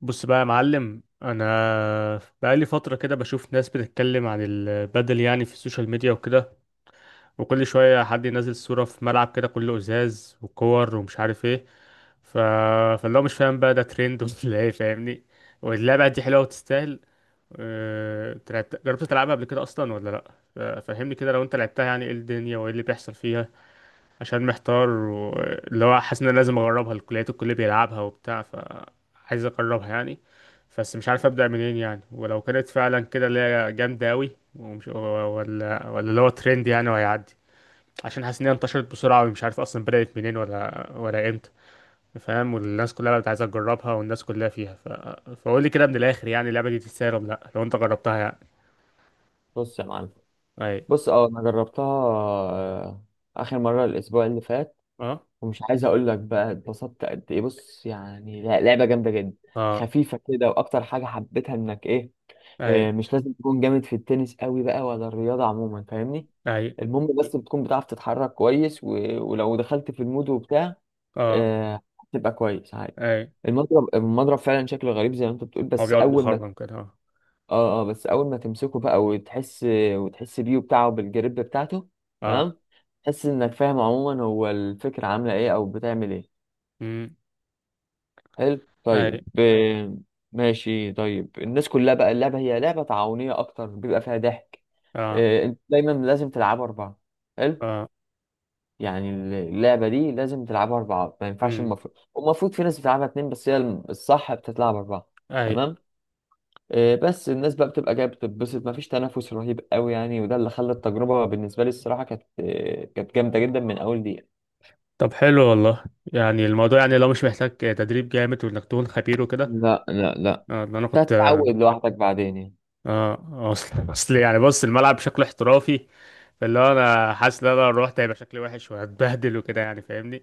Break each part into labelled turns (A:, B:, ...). A: بص بقى يا معلم، انا بقالي فتره كده بشوف ناس بتتكلم عن البدل يعني في السوشيال ميديا وكده. وكل شويه حد ينزل صوره في ملعب كده كله ازاز وكور ومش عارف ايه. ف... فاللي هو مش فاهم بقى ده ترند ولا ايه؟ فاهمني. واللعبه دي حلوه وتستاهل؟ جربت تلعبها قبل كده اصلا ولا لا؟ ف- فهمني كده لو انت لعبتها يعني ايه الدنيا وايه اللي بيحصل فيها. عشان محتار واللي هو حاسس ان أنا لازم اجربها، الكليات الكل بيلعبها وبتاع، فعايز اجربها يعني. بس مش عارف ابدا منين يعني، ولو كانت فعلا كده اللي هي جامده قوي ومش، ولا اللي هو ترند يعني وهيعدي. عشان حاسس ان هي انتشرت بسرعه ومش عارف اصلا بدات منين ولا امتى. فاهم، والناس كلها بقت عايزه تجربها والناس كلها فيها، فقول لي كده من الاخر، يعني اللعبه دي تستاهل ولا لا لو انت جربتها يعني؟
B: بص يا معلم.
A: اي.
B: بص، انا جربتها. اخر مره الاسبوع اللي فات.
A: اه.
B: ومش عايز اقول لك بقى اتبسطت قد ايه، بص يعني لا، لعبه جامده جدا،
A: اه.
B: خفيفه كده. واكتر حاجه حبيتها انك ايه
A: اي.
B: آه، مش لازم تكون جامد في التنس قوي بقى ولا الرياضه عموما، فاهمني.
A: اي.
B: المهم بس بتكون بتعرف تتحرك كويس، ولو دخلت في المود وبتاع
A: اه.
B: آه، هتبقى كويس عادي.
A: اي.
B: المضرب فعلا شكله غريب زي ما انت بتقول،
A: هو
B: بس
A: بيقعد
B: اول ما
A: مخرم كده اه.
B: اه بس اول ما تمسكه بقى وتحس بيه وبتاعه بالجريب بتاعته،
A: اه.
B: تمام. تحس انك فاهم عموما هو الفكرة عاملة ايه او بتعمل ايه.
A: امم.
B: حلو،
A: اي.
B: طيب، تمام. ماشي، طيب. الناس كلها بقى اللعبة هي لعبة تعاونية اكتر، بيبقى فيها ضحك
A: اه.
B: آه، انت دايما لازم تلعبها اربعة، حلو
A: اه.
B: يعني. اللعبة دي لازم تلعبها اربعة، ما ينفعش.
A: امم.
B: المفروض والمفروض في ناس بتلعبها اتنين، بس هي الصح بتتلعب اربعة،
A: اي.
B: تمام. إيه، بس الناس بقى بتبقى جايه بتتبسط، مفيش تنافس رهيب قوي يعني، وده اللي خلى التجربه بالنسبه لي الصراحه كانت جامده جدا من اول دقيقه.
A: طب حلو والله. يعني الموضوع يعني لو مش محتاج تدريب جامد وانك تكون خبير وكده.
B: لا لا لا،
A: اه ده انا
B: انت
A: كنت اه.
B: هتتعود لوحدك بعدين يعني.
A: آه، اصل اصل يعني بص الملعب بشكل احترافي. فاللي هو انا حاسس ان انا لو رحت هيبقى شكلي وحش وهتبهدل وكده يعني، فاهمني.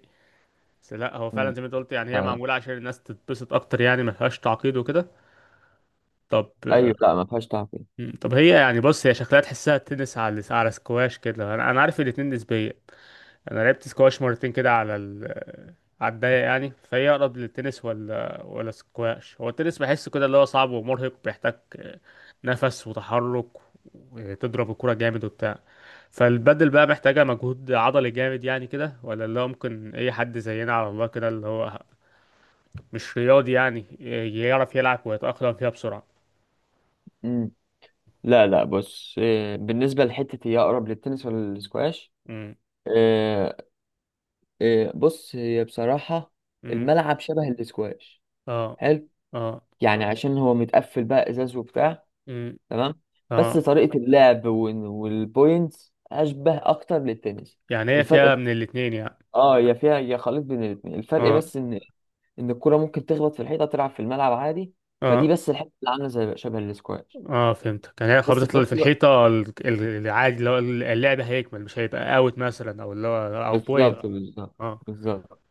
A: بس لا هو فعلا
B: مم.
A: زي ما انت قلت، يعني هي
B: لا.
A: معموله عشان الناس تتبسط اكتر، يعني ما فيهاش تعقيد وكده. طب.
B: ايوه، لا ما فيهاش تعقيد.
A: مم. طب هي يعني بص هي شكلها تحسها تنس على سكواش كده، انا عارف الاتنين نسبيه. انا لعبت سكواش مرتين كده على الضيق يعني، فهي اقرب للتنس ولا سكواش؟ هو التنس بحسه كده اللي هو صعب ومرهق، بيحتاج نفس وتحرك وتضرب الكرة جامد وبتاع. فالبدل بقى محتاجة مجهود عضلي جامد يعني كده، ولا اللي هو ممكن اي حد زينا على الله كده اللي هو مش رياضي يعني يعرف يلعب ويتأقلم فيها بسرعة؟
B: مم. لا لا، بص، بالنسبه لحته هي اقرب للتنس ولا الاسكواش؟
A: امم.
B: إيه، إيه، بص هي بصراحه
A: امم.
B: الملعب شبه الاسكواش،
A: اه.
B: حلو،
A: اه.
B: يعني عشان هو متقفل بقى ازاز وبتاع،
A: امم.
B: تمام. بس
A: اه.
B: طريقة اللعب والبوينتس أشبه أكتر للتنس.
A: يعني هي
B: الفرق
A: فيها
B: بس،
A: من الاتنين يعني؟
B: اه، يا فيها يا خليط بين الاتنين. الفرق
A: اه.
B: بس إن الكرة ممكن تخبط في الحيطة، تلعب في الملعب عادي. فدي
A: اه.
B: بس الحتة اللي عاملة زي شبه الاسكواش،
A: اه فهمتك، يعني هي
B: بس
A: خبطت
B: في
A: اللي في
B: نفس الوقت.
A: الحيطة العادي، اللي هو اللعب هيكمل مش هيبقى اوت مثلا، او اللي هو او بوينت؟
B: بالظبط بالظبط.
A: اه.
B: بالظبط.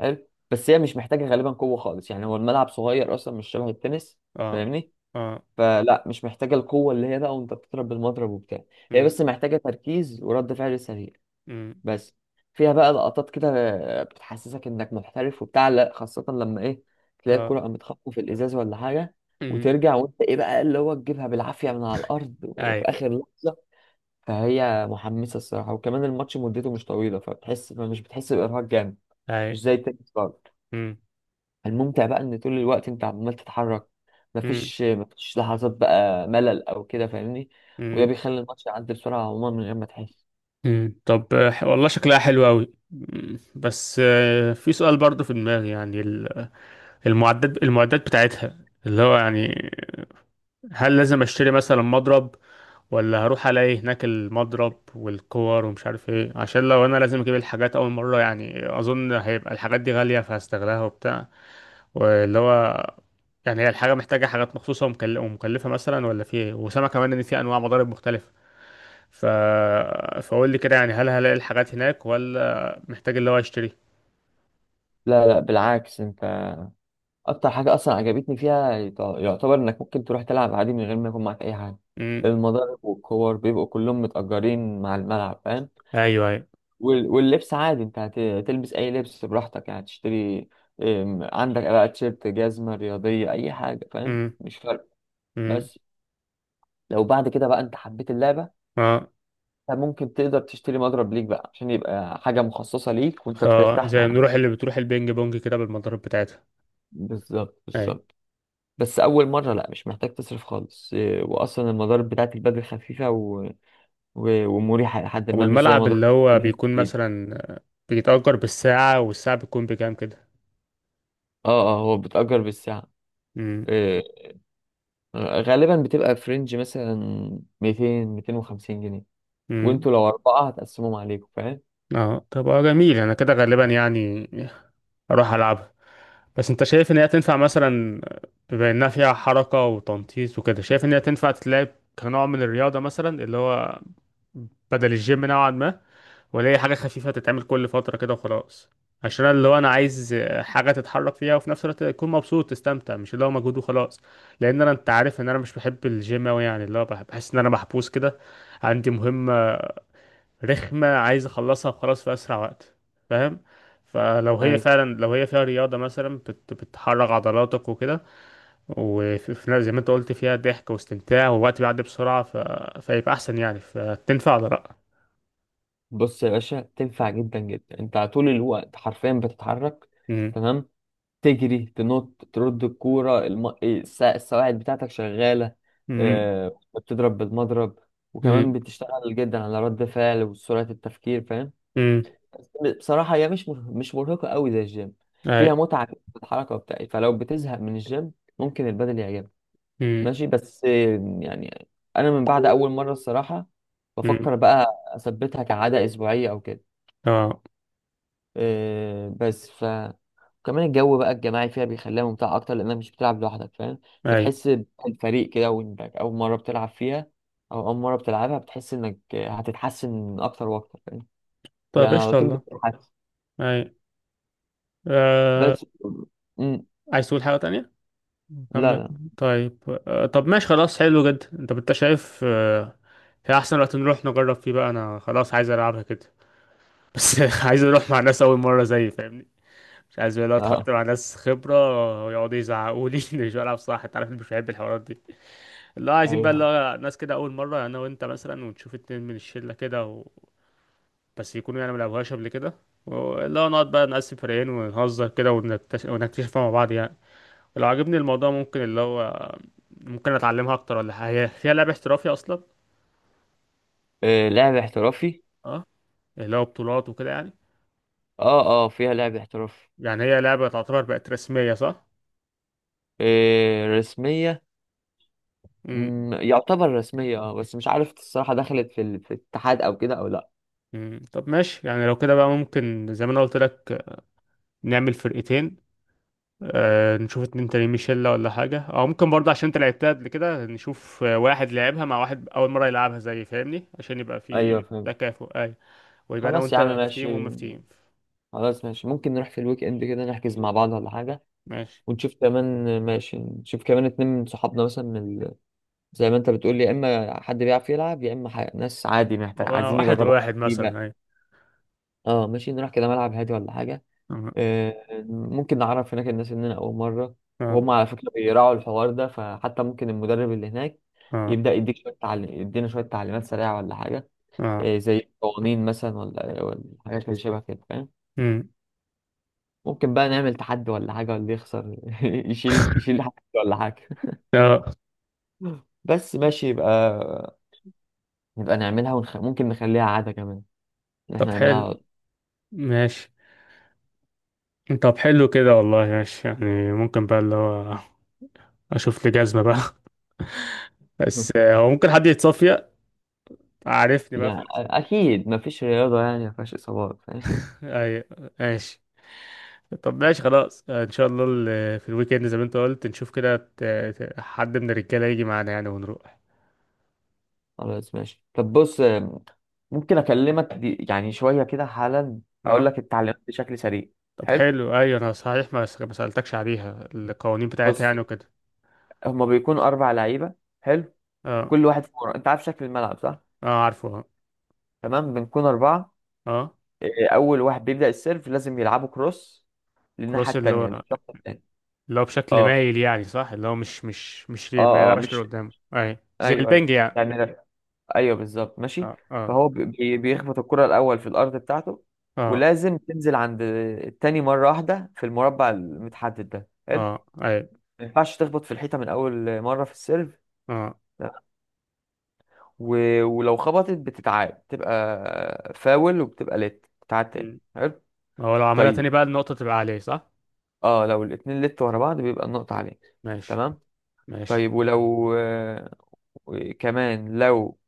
B: حلو. بس هي مش محتاجة غالبا قوة خالص يعني، هو الملعب صغير أصلا، مش شبه التنس،
A: اه.
B: فاهمني.
A: اه.
B: فلا، مش محتاجة القوة اللي هي بقى وأنت بتضرب بالمضرب وبتاع. هي
A: امم.
B: بس محتاجة تركيز ورد فعل سريع،
A: امم.
B: بس. فيها بقى لقطات كده بتحسسك انك محترف وبتاع، لا خاصة لما ايه، تلاقي
A: اه.
B: الكرة قامت خبطة في الازاز ولا حاجة،
A: امم.
B: وترجع وانت ايه بقى اللي هو تجيبها بالعافية من على الارض
A: اي.
B: وفي اخر لحظة. فهي محمسة الصراحة، وكمان الماتش مدته مش طويلة، فبتحس مش بتحس بإرهاق جامد،
A: اي.
B: مش زي التنس برضه.
A: امم.
B: الممتع بقى ان طول الوقت انت عمال تتحرك،
A: امم.
B: مفيش لحظات بقى ملل او كده، فاهمني. وده
A: امم.
B: بيخلي الماتش يعدي بسرعة عموما من غير ما تحس.
A: امم. طب والله شكلها حلو قوي. بس في سؤال برضه في دماغي يعني المعدات بتاعتها، اللي هو يعني، هل لازم اشتري مثلا مضرب؟ ولا هروح الاقي هناك المضرب والكور ومش عارف ايه؟ عشان لو انا لازم اجيب الحاجات اول مره يعني، اظن هيبقى الحاجات دي غاليه فهستغلها وبتاع. واللي هو يعني هي الحاجه محتاجه حاجات مخصوصه ومكلفه مثلا ولا في ايه؟ وسامع كمان ان في انواع مضارب مختلفه. ف فقول لي كده يعني هل هلاقي الحاجات هناك ولا محتاج اللي هو اشتري؟
B: لا لا بالعكس، انت اكتر حاجه اصلا عجبتني فيها يعتبر انك ممكن تروح تلعب عادي من غير ما يكون معاك اي حاجه.
A: امم.
B: المضارب والكور بيبقوا كلهم متأجرين مع الملعب، فاهم.
A: ايوه ايوه.
B: واللبس عادي انت هتلبس اي لبس براحتك يعني تشتري. عندك بقى تيشيرت، جزمه رياضيه، اي حاجه، فاهم،
A: امم.
B: مش فارق.
A: امم.
B: بس لو بعد كده بقى انت حبيت اللعبه،
A: اه.
B: انت ممكن تقدر تشتري مضرب ليك بقى عشان يبقى حاجه مخصصه ليك وانت بترتاح
A: زي
B: معاها.
A: نروح اللي بتروح البينج بونج كده بالمضارب بتاعتها.
B: بالظبط
A: أيوة.
B: بالظبط. بس اول مره لا، مش محتاج تصرف خالص، واصلا المضارب بتاعت البدل خفيفه ومريحه لحد ما، مش زي
A: والملعب
B: مضارب
A: اللي هو
B: البلاد
A: بيكون
B: كتير.
A: مثلا بيتأجر بالساعة، والساعة بتكون بكام كده؟
B: اه اه، هو بتأجر بالساعه
A: امم.
B: إيه، غالبا بتبقى في رينج مثلا 200 250 جنيه،
A: امم.
B: وانتوا لو اربعه هتقسمهم عليكم، فاهم.
A: اه طب جميل. انا كده غالبا يعني اروح العبها. بس انت شايف ان هي تنفع مثلا، بما انها فيها حركة وتنطيط وكده، شايف ان هي تنفع تتلعب كنوع من الرياضة مثلا، اللي هو بدل الجيم نوعا ما؟ ولا هي حاجة خفيفة تتعمل كل فترة كده وخلاص؟ عشان أنا اللي هو أنا عايز حاجة تتحرك فيها وفي نفس الوقت تكون مبسوط تستمتع، مش اللي هو مجهود وخلاص. لأن أنا أنت عارف إن أنا مش بحب الجيم أوي يعني، اللي هو بحس إن أنا محبوس كده، عندي مهمة رخمة عايز أخلصها وخلاص في أسرع وقت، فاهم؟ فلو هي
B: ايوه،
A: فعلا، لو هي فيها رياضة مثلا بتحرك عضلاتك وكده، وفي زي ما أنت قلت فيها ضحك واستمتاع والوقت بيعدي بسرعة، فيبقى أحسن يعني، فتنفع ولا لأ؟
B: بص يا باشا تنفع جدا جدا، انت على طول الوقت حرفيا بتتحرك،
A: مم.
B: تمام. تجري، تنط، ترد الكورة، السواعد بتاعتك شغالة، بتضرب بالمضرب، وكمان
A: مم.
B: بتشتغل جدا على رد فعل وسرعة التفكير، فاهم.
A: مم.
B: بصراحة هي مش مرهقة قوي زي الجيم،
A: اي.
B: فيها متعة في الحركة بتاعي، فلو بتزهق من الجيم ممكن البدل يعجبك.
A: امم.
B: ماشي، بس، يعني أنا من بعد أول مرة الصراحة
A: امم.
B: بفكر بقى أثبتها كعادة أسبوعية أو كده
A: اه.
B: آه، بس ف وكمان الجو بقى الجماعي فيها بيخليها ممتعة أكتر لأنك مش بتلعب لوحدك، فاهم.
A: اي.
B: بتحس بالفريق كده، وإنك أول مرة بتلعب فيها أو أول مرة بتلعبها بتحس إنك هتتحسن أكتر وأكتر، فاهم.
A: طيب
B: يعني
A: ايش
B: على طول
A: الله.
B: بتتحسن،
A: اي. آه.
B: بس. مم.
A: عايز تقول حاجة تانية؟
B: لا
A: كمل.
B: لا.
A: طيب. آه. طب ماشي خلاص، حلو جدا. انت شايف في احسن وقت نروح نجرب فيه بقى، انا خلاص عايز العبها كده. بس عايز اروح مع ناس اول مرة زيي فاهمني. مش عايز بقى لو اتحط
B: آه.
A: مع ناس خبرة ويقعدوا يزعقوا لي إني مش بلعب صح، انت عارف إني مش بحب الحوارات دي. اللي هو عايزين بقى اللي
B: أيوه.
A: هو ناس كده اول مرة انا وانت مثلا، ونشوف اتنين من الشلة كده، بس يكونوا يعني ملعبوهاش قبل كده. اللي هو نقعد بقى نقسم فريقين ونهزر كده ونكتشفها مع بعض يعني. لو عجبني الموضوع ممكن اللي هو ممكن اتعلمها اكتر ولا حاجة، هي فيها لعبة احترافية اصلا؟
B: آه. لعب احترافي.
A: اه اللي هو بطولات وكده يعني،
B: أه أه، فيها لعب احترافي.
A: يعني هي لعبة تعتبر بقت رسمية صح؟
B: آه. رسمية.
A: امم.
B: يعتبر رسمية، أه، بس مش عارف الصراحة دخلت في الاتحاد أو كده أو لأ.
A: أمم. طب ماشي يعني لو كده بقى ممكن زي ما انا قلت لك نعمل فرقتين. نشوف اتنين تانيين، ميشيلا ولا حاجة، او ممكن برضه عشان انت لعبتها قبل كده نشوف واحد لعبها مع واحد اول مرة يلعبها زي، فاهمني؟ عشان يبقى في
B: أيوه فاهم.
A: تكافؤ اي. ويبقى انا
B: خلاص يا عم
A: وانت في تيم
B: ماشي.
A: وهم في تيم.
B: خلاص ماشي، ممكن نروح في الويك اند كده نحجز مع بعض ولا حاجة.
A: ماشي.
B: ونشوف كمان ماشي نشوف كمان اتنين من صحابنا مثلا زي ما انت بتقول يا اما حد بيعرف يلعب يا اما ناس عادي محتاج عايزين
A: واحد
B: يجربوا
A: وواحد
B: حاجة
A: مثلا
B: جديدة.
A: أيوة.
B: اه ماشي، نروح كده ملعب هادي ولا حاجة.
A: اه.
B: آه، ممكن نعرف هناك الناس اننا اول مرة،
A: اه.
B: وهم على فكرة بيراعوا الحوار ده، فحتى ممكن المدرب اللي هناك
A: اه.
B: يبدأ يديك شوية تعليم يدينا شوية تعليمات سريعة ولا حاجة.
A: اه.
B: آه، زي قوانين مثلا ولا حاجات اللي شبه كده، فاهم.
A: امم.
B: ممكن بقى نعمل تحدي ولا حاجة، واللي يخسر يشيل حاجة ولا حاجة،
A: اه.
B: بس. ماشي، يبقى نعملها ممكن نخليها عادة كمان إن احنا
A: طب
B: نعملها
A: حلو.
B: على
A: ماشي. طب حلو كده والله ماشي، يعني ممكن بقى اللي هو اشوف لي جزمة بقى بس
B: طول.
A: هو ممكن حد يتصفي عارفني بقى في
B: يعني
A: اللي
B: أكيد مفيش رياضة يعني مفيهاش إصابات، فاهم.
A: ايوه. ماشي. طب ماشي خلاص ان شاء الله في الويك اند زي ما انت قلت نشوف كده حد من الرجاله يجي معانا يعني ونروح.
B: خلاص ماشي، طب بص، ممكن أكلمك يعني شوية كده حالا أقول
A: اه
B: لك التعليمات بشكل سريع.
A: طب
B: حلو.
A: حلو ايوه، انا صحيح ما سألتكش عليها القوانين بتاعتها
B: بص،
A: يعني وكده.
B: هما بيكونوا أربع لعيبة، حلو.
A: اه.
B: كل واحد في مرة أنت عارف شكل الملعب، صح؟
A: اه عارفه اه.
B: تمام، بنكون أربعة
A: اه
B: إيه، أول واحد بيبدأ السيرف لازم يلعبوا كروس للناحية
A: كروس، اللي
B: التانية،
A: هو
B: للشخص التاني.
A: اللي هو بشكل
B: اه
A: مايل يعني صح؟ اللي هو مش ما
B: اه اه،
A: يلعبش
B: مش،
A: لقدام، اي زي
B: ايوه ايوه،
A: البنج يعني.
B: يعني لا. ايوه بالظبط، ماشي.
A: اه. اه.
B: فهو بيخبط الكرة الأول في الأرض بتاعته،
A: اه.
B: ولازم تنزل عند التاني مرة واحدة في المربع المتحدد ده، حلو.
A: اه. اي.
B: ما ينفعش تخبط في الحيطة من أول مرة في السيرف،
A: اه.
B: لا. و... ولو خبطت بتتعاد، تبقى فاول، وبتبقى لت تتعاد تاني،
A: مم.
B: حلو.
A: هو لو عملها
B: طيب،
A: تاني بقى النقطة تبقى عليه صح؟
B: اه، لو الاتنين لت ورا بعض بيبقى النقطة عليك،
A: ماشي.
B: تمام.
A: ماشي.
B: طيب، ولو، كمان لو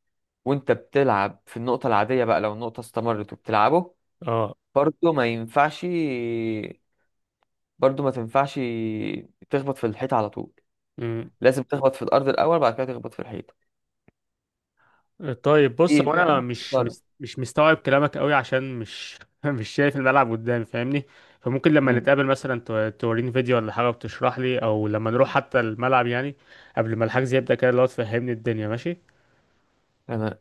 B: وانت بتلعب في النقطة العادية بقى، لو النقطة استمرت وبتلعبه،
A: اه.
B: برضه ما ينفعش برضه ما تنفعش تخبط في الحيط على طول. لازم تخبط في الأرض الأول، بعد كده تخبط في الحيط.
A: طيب
B: دي
A: بص هو
B: ده
A: انا مش
B: خسارة.
A: مش مش مستوعب كلامك قوي عشان مش مش شايف الملعب قدامي فاهمني. فممكن لما نتقابل مثلا توريني فيديو ولا حاجه، وتشرح لي، او لما نروح حتى الملعب يعني قبل ما الحجز يبدا كده لو تفهمني الدنيا. ماشي.
B: مم.